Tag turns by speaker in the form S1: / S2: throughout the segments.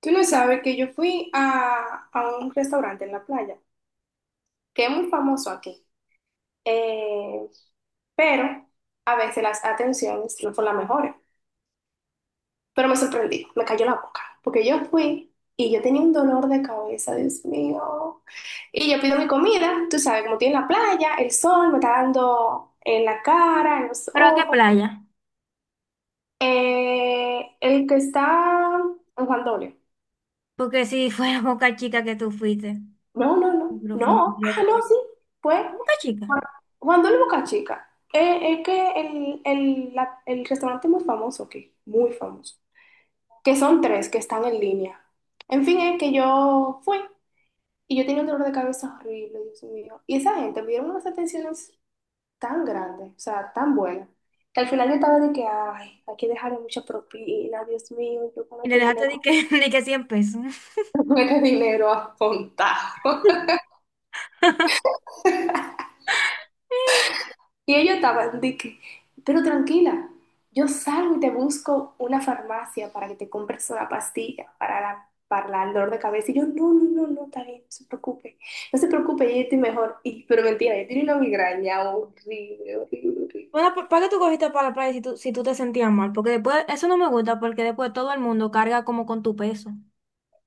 S1: Tú no sabes que yo fui a un restaurante en la playa, que es muy famoso aquí, eh, pero a veces las atenciones no son las mejores. Pero me sorprendí, me cayó la boca, porque yo fui y yo tenía un dolor de cabeza, Dios mío. Y yo pido mi comida, tú sabes, como estoy en la playa, el sol me está dando en la cara, en los
S2: ¿Pero a qué
S1: ojos.
S2: playa?
S1: El que está en Juan Dolio.
S2: Porque si fuera Boca Chica que tú fuiste.
S1: No, no, no,
S2: No, pero fue un
S1: no,
S2: lío
S1: ah, no, sí, fue
S2: Boca Chica.
S1: Juan Juan del Boca Chica. Es que el restaurante muy famoso aquí, muy famoso, que son tres que están en línea. En fin, es que yo fui y yo tenía un dolor de cabeza horrible, Dios mío. Y esa gente me dieron unas atenciones tan grandes, o sea, tan buenas, que al final yo estaba de que, ay, hay que dejarle mucha propina, Dios mío, yo con
S2: Y le
S1: este
S2: dejaste de
S1: dinero,
S2: que, de que 100 pesos.
S1: con este dinero apuntado. Y ellos estaban de que, pero tranquila, yo salgo y te busco una farmacia para que te compres una pastilla para el dolor de cabeza. Y yo, no, no, no, no, está bien, no se preocupe, no se preocupe, yo estoy mejor. Y, pero mentira, yo tenía una migraña horrible, horrible, horrible.
S2: Bueno, ¿Por qué tú cogiste para la playa si tú, si tú te sentías mal? Porque después, eso no me gusta porque después todo el mundo carga como con tu peso.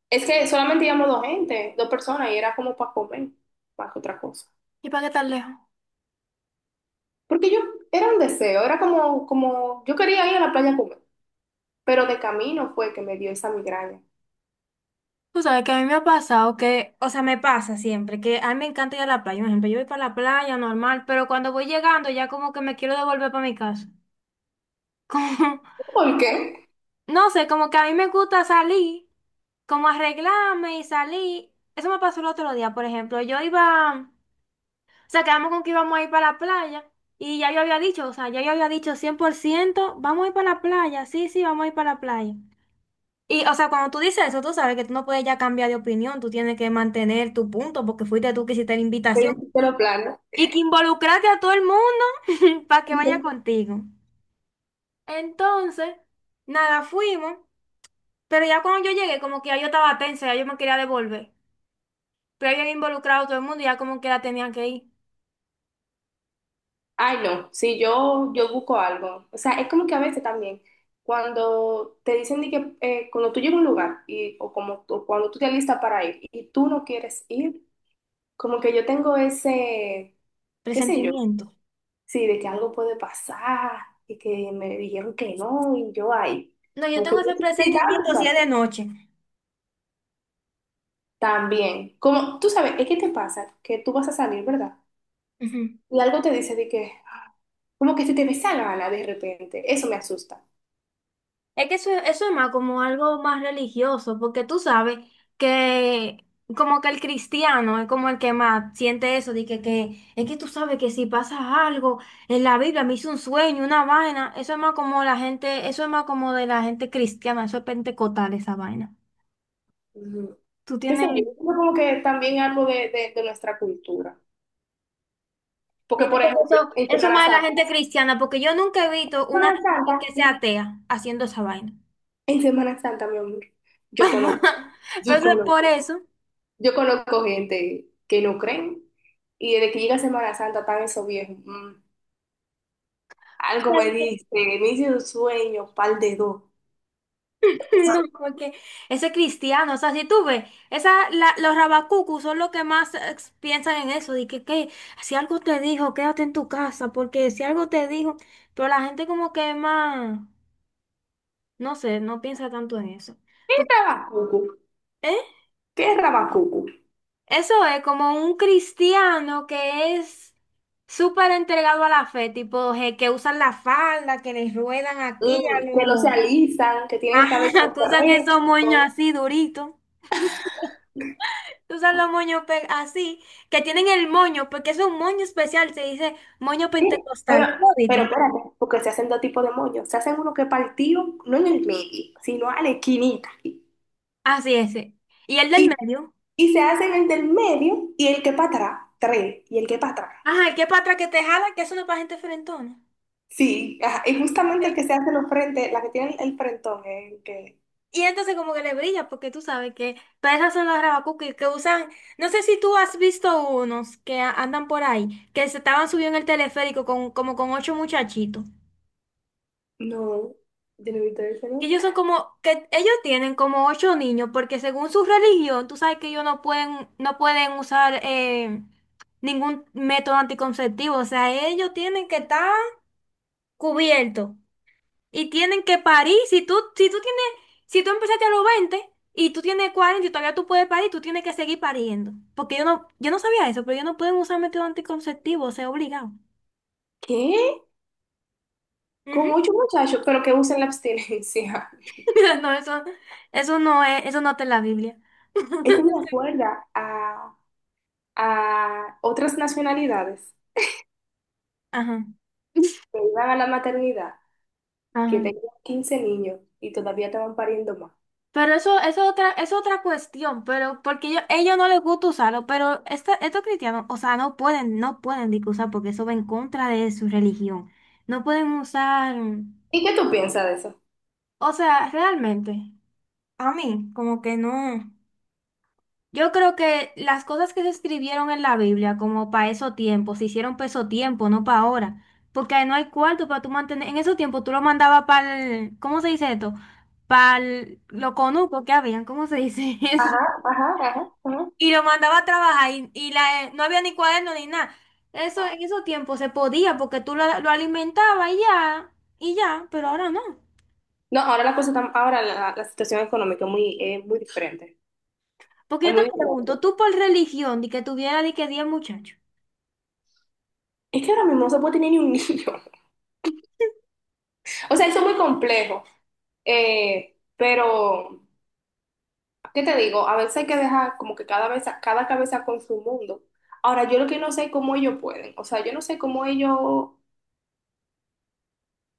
S1: Es que solamente íbamos dos gente, dos personas, y era como para comer, más que otra cosa.
S2: ¿Y para qué tan lejos?
S1: Porque yo, era un deseo, era como, yo quería ir a la playa a comer, pero de camino fue que me dio esa migraña.
S2: Tú sabes que a mí me ha pasado que, o sea, me pasa siempre, que a mí me encanta ir a la playa. Por ejemplo, yo voy para la playa normal, pero cuando voy llegando ya como que me quiero devolver para mi casa.
S1: ¿Por
S2: Como,
S1: qué?
S2: no sé, como que a mí me gusta salir, como arreglarme y salí. Eso me pasó el otro día, por ejemplo. Yo iba, o sea, quedamos con que íbamos a ir para la playa y ya yo había dicho, o sea, ya yo había dicho 100% vamos a ir para la playa, sí, sí, vamos a ir para la playa. Y, o sea, cuando tú dices eso, tú sabes que tú no puedes ya cambiar de opinión, tú tienes que mantener tu punto porque fuiste tú que hiciste la
S1: Me
S2: invitación
S1: dijiste lo plano.
S2: y que involucraste a todo el mundo para que vaya contigo. Entonces, nada, fuimos, pero ya cuando yo llegué, como que ya yo estaba tensa, ya yo me quería devolver. Pero habían involucrado a todo el mundo y ya como que la tenían que ir.
S1: Ay, no, sí, yo busco algo. O sea, es como que a veces también, cuando te dicen de que cuando tú llegas a un lugar y, o como cuando tú te alistas para ir y tú no quieres ir, como que yo tengo ese, qué sé yo,
S2: Presentimiento.
S1: sí, de que algo puede pasar y que me dijeron que no y yo ahí.
S2: No, yo
S1: Como que
S2: tengo
S1: yo
S2: ese
S1: sí, también
S2: presentimiento si es
S1: pasa.
S2: de noche.
S1: También, como tú sabes, es que te pasa que tú vas a salir, ¿verdad?
S2: Ujú.
S1: Y algo te dice de que, ah, como que se te ve esa gana de repente. Eso me asusta.
S2: Es que eso es más como algo más religioso, porque tú sabes que como que el cristiano es como el que más siente eso, de que es que tú sabes que si pasa algo en la Biblia, me hizo un sueño, una vaina, eso es más como la gente, eso es más como de la gente cristiana, eso es pentecostal esa vaina.
S1: Ujú.
S2: ¿Tú
S1: ¿Qué sé
S2: tienes?
S1: yo? Yo creo como que también algo de de nuestra cultura. Porque,
S2: Dice
S1: por
S2: que
S1: ejemplo,
S2: Eso,
S1: en
S2: eso es
S1: Semana
S2: más de la
S1: Santa,
S2: gente cristiana, porque yo nunca he visto una
S1: Semana Santa,
S2: gente que sea atea haciendo esa vaina.
S1: en Semana Santa, mi amor, yo conozco,
S2: Pero
S1: yo
S2: eso es por
S1: conozco,
S2: eso.
S1: yo conozco gente que no creen y desde que llega Semana Santa están esos viejos. Mm, algo me dice, me hice un sueño, pal de dos.
S2: No, porque ese es cristiano, o sea, si tú ves, esa, los rabacucus son los que más piensan en eso, de que si algo te dijo, quédate en tu casa, porque si algo te dijo, pero la gente como que es más, no sé, no piensa tanto en eso.
S1: ¿Qué
S2: Porque,
S1: rabacucu?
S2: ¿eh?
S1: ¿Qué rabacucu?
S2: Eso es como un cristiano que es súper entregado a la fe, tipo que usan la falda, que les ruedan aquí a
S1: Mm, que no se
S2: los...
S1: alisan, que tienen el cabello
S2: Ajá, que usan esos moños
S1: correcto.
S2: así duritos, que usan los moños así, que tienen el moño, porque es un moño especial, se dice moño
S1: Sí, pero,
S2: pentecostal,
S1: pero
S2: todito.
S1: espérate, porque se hacen dos tipos de moños. Se hacen uno que es partido, no en el medio, sino a la esquinita. Aquí.
S2: Así ese y el del
S1: Y,
S2: medio.
S1: y se hacen el del medio y el que para atrás, tres, y el que para atrás.
S2: Ajá, el que para atrás que te jala, que eso no es para gente frentona.
S1: Sí, ajá, y justamente el que
S2: Ok.
S1: se hace los frentes, la que tiene el frentón, es el que...
S2: Y entonces como que le brilla, porque tú sabes que para esas son las rabacuquis que usan, no sé si tú has visto unos que andan por ahí, que se estaban subiendo en el teleférico con, como con ocho muchachitos.
S1: No, yo no he visto ese,
S2: Que
S1: ¿no?
S2: ellos son como, que ellos tienen como ocho niños, porque según su religión, tú sabes que ellos no pueden, no pueden usar ningún método anticonceptivo. O sea, ellos tienen que estar cubiertos. Y tienen que parir. Si tú, si tú tienes, si tú empezaste a los 20 y tú tienes 40 y todavía tú puedes parir, tú tienes que seguir pariendo. Porque yo no sabía eso, pero ellos no pueden usar método anticonceptivo, o sea, obligado.
S1: ¿Qué? Con
S2: Ujú.
S1: ocho muchachos, pero que usen la abstinencia.
S2: No, eso no es, eso no está en la Biblia.
S1: Eso me acuerda a otras nacionalidades
S2: Ajá,
S1: que iban a la maternidad, que
S2: ajá.
S1: tengo 15 niños y todavía te van pariendo más.
S2: Pero eso es otra cuestión, pero porque ellos no les gusta usarlo, pero estos cristianos, o sea, no pueden, no pueden ni que usar porque eso va en contra de su religión. No pueden usar,
S1: ¿Y qué tú piensas de eso?
S2: o sea, realmente. A mí, como que no. Yo creo que las cosas que se escribieron en la Biblia, como para esos tiempos, se hicieron para esos tiempos, no para ahora. Porque ahí no hay cuarto para tú mantener. En esos tiempos tú lo mandabas para el. ¿Cómo se dice esto? Para los conucos que habían, ¿cómo se dice eso?
S1: Ajá, ajá, ajá, ajá.
S2: Y lo mandaba a trabajar y la, no había ni cuaderno ni nada. Eso en esos tiempos se podía porque tú lo alimentabas y ya, pero ahora no.
S1: No, ahora la situación económica es muy diferente.
S2: Porque
S1: Es
S2: yo te
S1: muy
S2: pregunto,
S1: diferente.
S2: tú por religión, de que tuviera de que 10 muchachos.
S1: Es que ahora mismo no se puede tener ni un niño. O sea, eso es muy complejo. Eh, pero, ¿Qué te digo? A veces hay que dejar como que cada vez, cada cabeza con su mundo. Ahora, yo lo que no sé es cómo ellos pueden. O sea, yo no sé cómo ellos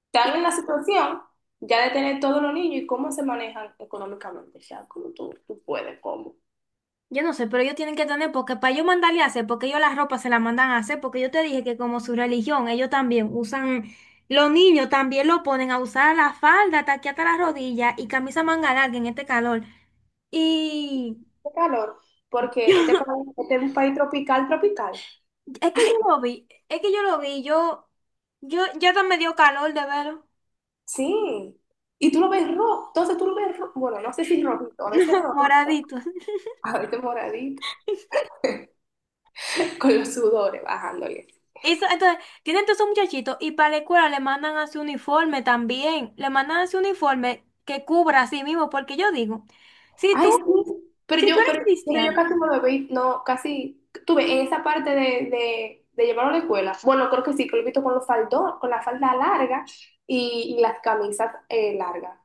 S1: están en la situación ya de tener todos los niños y cómo se manejan económicamente, o sea, cómo tú puedes, cómo.
S2: Yo no sé, pero ellos tienen que tener, porque para yo mandarle a hacer, porque ellos las ropas se las mandan a hacer, porque yo te dije que como su religión, ellos también usan, los niños también lo ponen a usar la falda, hasta aquí hasta las rodillas y camisa manga larga en este calor. Y
S1: Qué calor, porque
S2: yo, no,
S1: este es un país tropical, tropical.
S2: es que yo lo vi, yo hasta me dio calor de verlo,
S1: Sí, y tú lo ves rojo, entonces tú lo ves rojo, bueno, no sé si rojito, a veces
S2: no,
S1: rojito,
S2: moradito.
S1: a veces moradito, con los sudores bajándole.
S2: Eso, entonces, tienen todos esos muchachitos y para la escuela le mandan a su uniforme también, le mandan a su uniforme que cubra a sí mismo, porque yo digo, si tú
S1: Ay, sí,
S2: Si tú eres
S1: pero yo
S2: cristiano,
S1: casi no lo vi, no, casi, tuve en esa parte de, de llevarlo a la escuela. Bueno, creo que sí, que lo he visto con los faldos, con la falda larga y las camisas largas,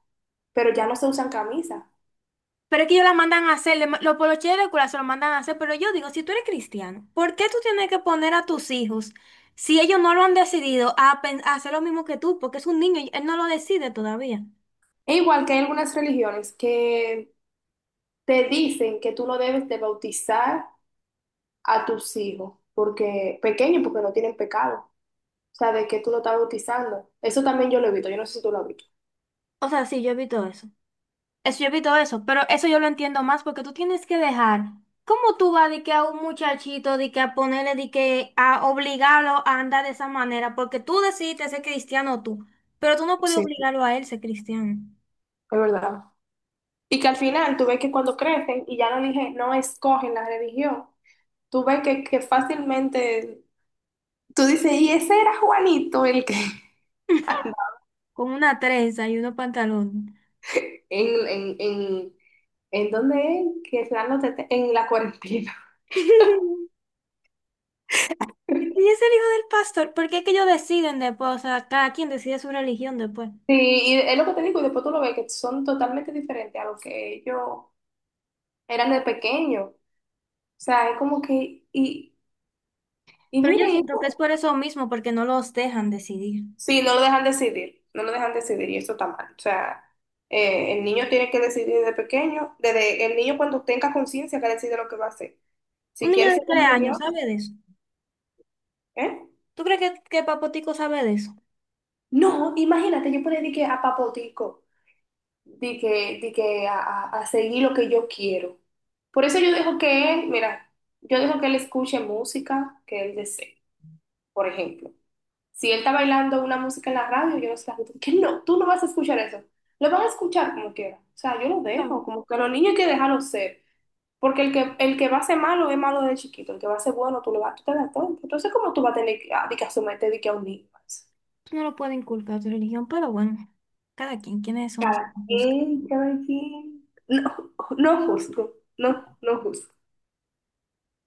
S1: pero ya no se usan camisas.
S2: pero es que ellos la mandan a hacer, los poloches de la escuela se lo mandan a hacer, pero yo digo, si tú eres cristiano, ¿por qué tú tienes que poner a tus hijos, si ellos no lo han decidido, a, a hacer lo mismo que tú? Porque es un niño y él no lo decide todavía.
S1: Es igual que hay algunas religiones que te dicen que tú no debes de bautizar a tus hijos, porque pequeños, porque no tienen pecado. O sea, de que tú lo estás bautizando. Eso también yo lo he visto, yo no sé si tú lo has visto.
S2: O sea, sí, yo evito eso. Eso yo evito eso, pero eso yo lo entiendo más porque tú tienes que dejar. ¿Cómo tú vas de que a un muchachito, de que a ponerle, de que a obligarlo a andar de esa manera? Porque tú decidiste ser cristiano tú, pero tú no puedes
S1: Sí,
S2: obligarlo a él ser cristiano.
S1: es verdad. Y que al final tú ves que cuando crecen y ya no dije, no escogen la religión, tú ves que fácilmente, tú dices, y ese era Juanito el que,
S2: Con una trenza y unos pantalones.
S1: en, en, en, en dónde es, que se dan en la cuarentena.
S2: Y es el hijo del pastor, porque es que ellos deciden después, o sea, cada quien decide su religión después.
S1: Sí, y es lo que te digo, y después tú lo ves que son totalmente diferentes a lo que ellos eran de pequeño. O sea, es como que, y
S2: Pero yo
S1: mire,
S2: siento que es
S1: eso.
S2: por eso mismo, porque no los dejan decidir.
S1: Sí, no lo dejan decidir, no lo dejan decidir y eso está mal. O sea, el niño tiene que decidir desde pequeño, desde el niño cuando tenga conciencia que decide lo que va a hacer.
S2: Un
S1: Si
S2: niño
S1: quiere ser
S2: de 3 años
S1: ingeniero,
S2: sabe de eso.
S1: ¿eh?
S2: ¿Tú crees que Papotico sabe de eso?
S1: No, imagínate, yo por ahí di que a papotico, di que a, a seguir lo que yo quiero. Por eso yo dejo que él, mira, yo dejo que él escuche música que él desee, por ejemplo. Si él está bailando una música en la radio, yo no sé, que no, tú no vas a escuchar eso. Lo van a escuchar como quiera. O sea, yo lo
S2: Claro,
S1: dejo, como que los niños hay que dejarlos ser. Porque el que va a ser malo es malo de chiquito, el que va a ser bueno, tú lo vas, tú te das cuenta. Entonces, ¿cómo tú vas a tener que, ah, de que asumirte de que a un niño?
S2: tú no lo puedes inculcar a tu religión, pero bueno, cada quien, quiénes somos
S1: Cada quien, cada quien. No, no justo, no, no justo.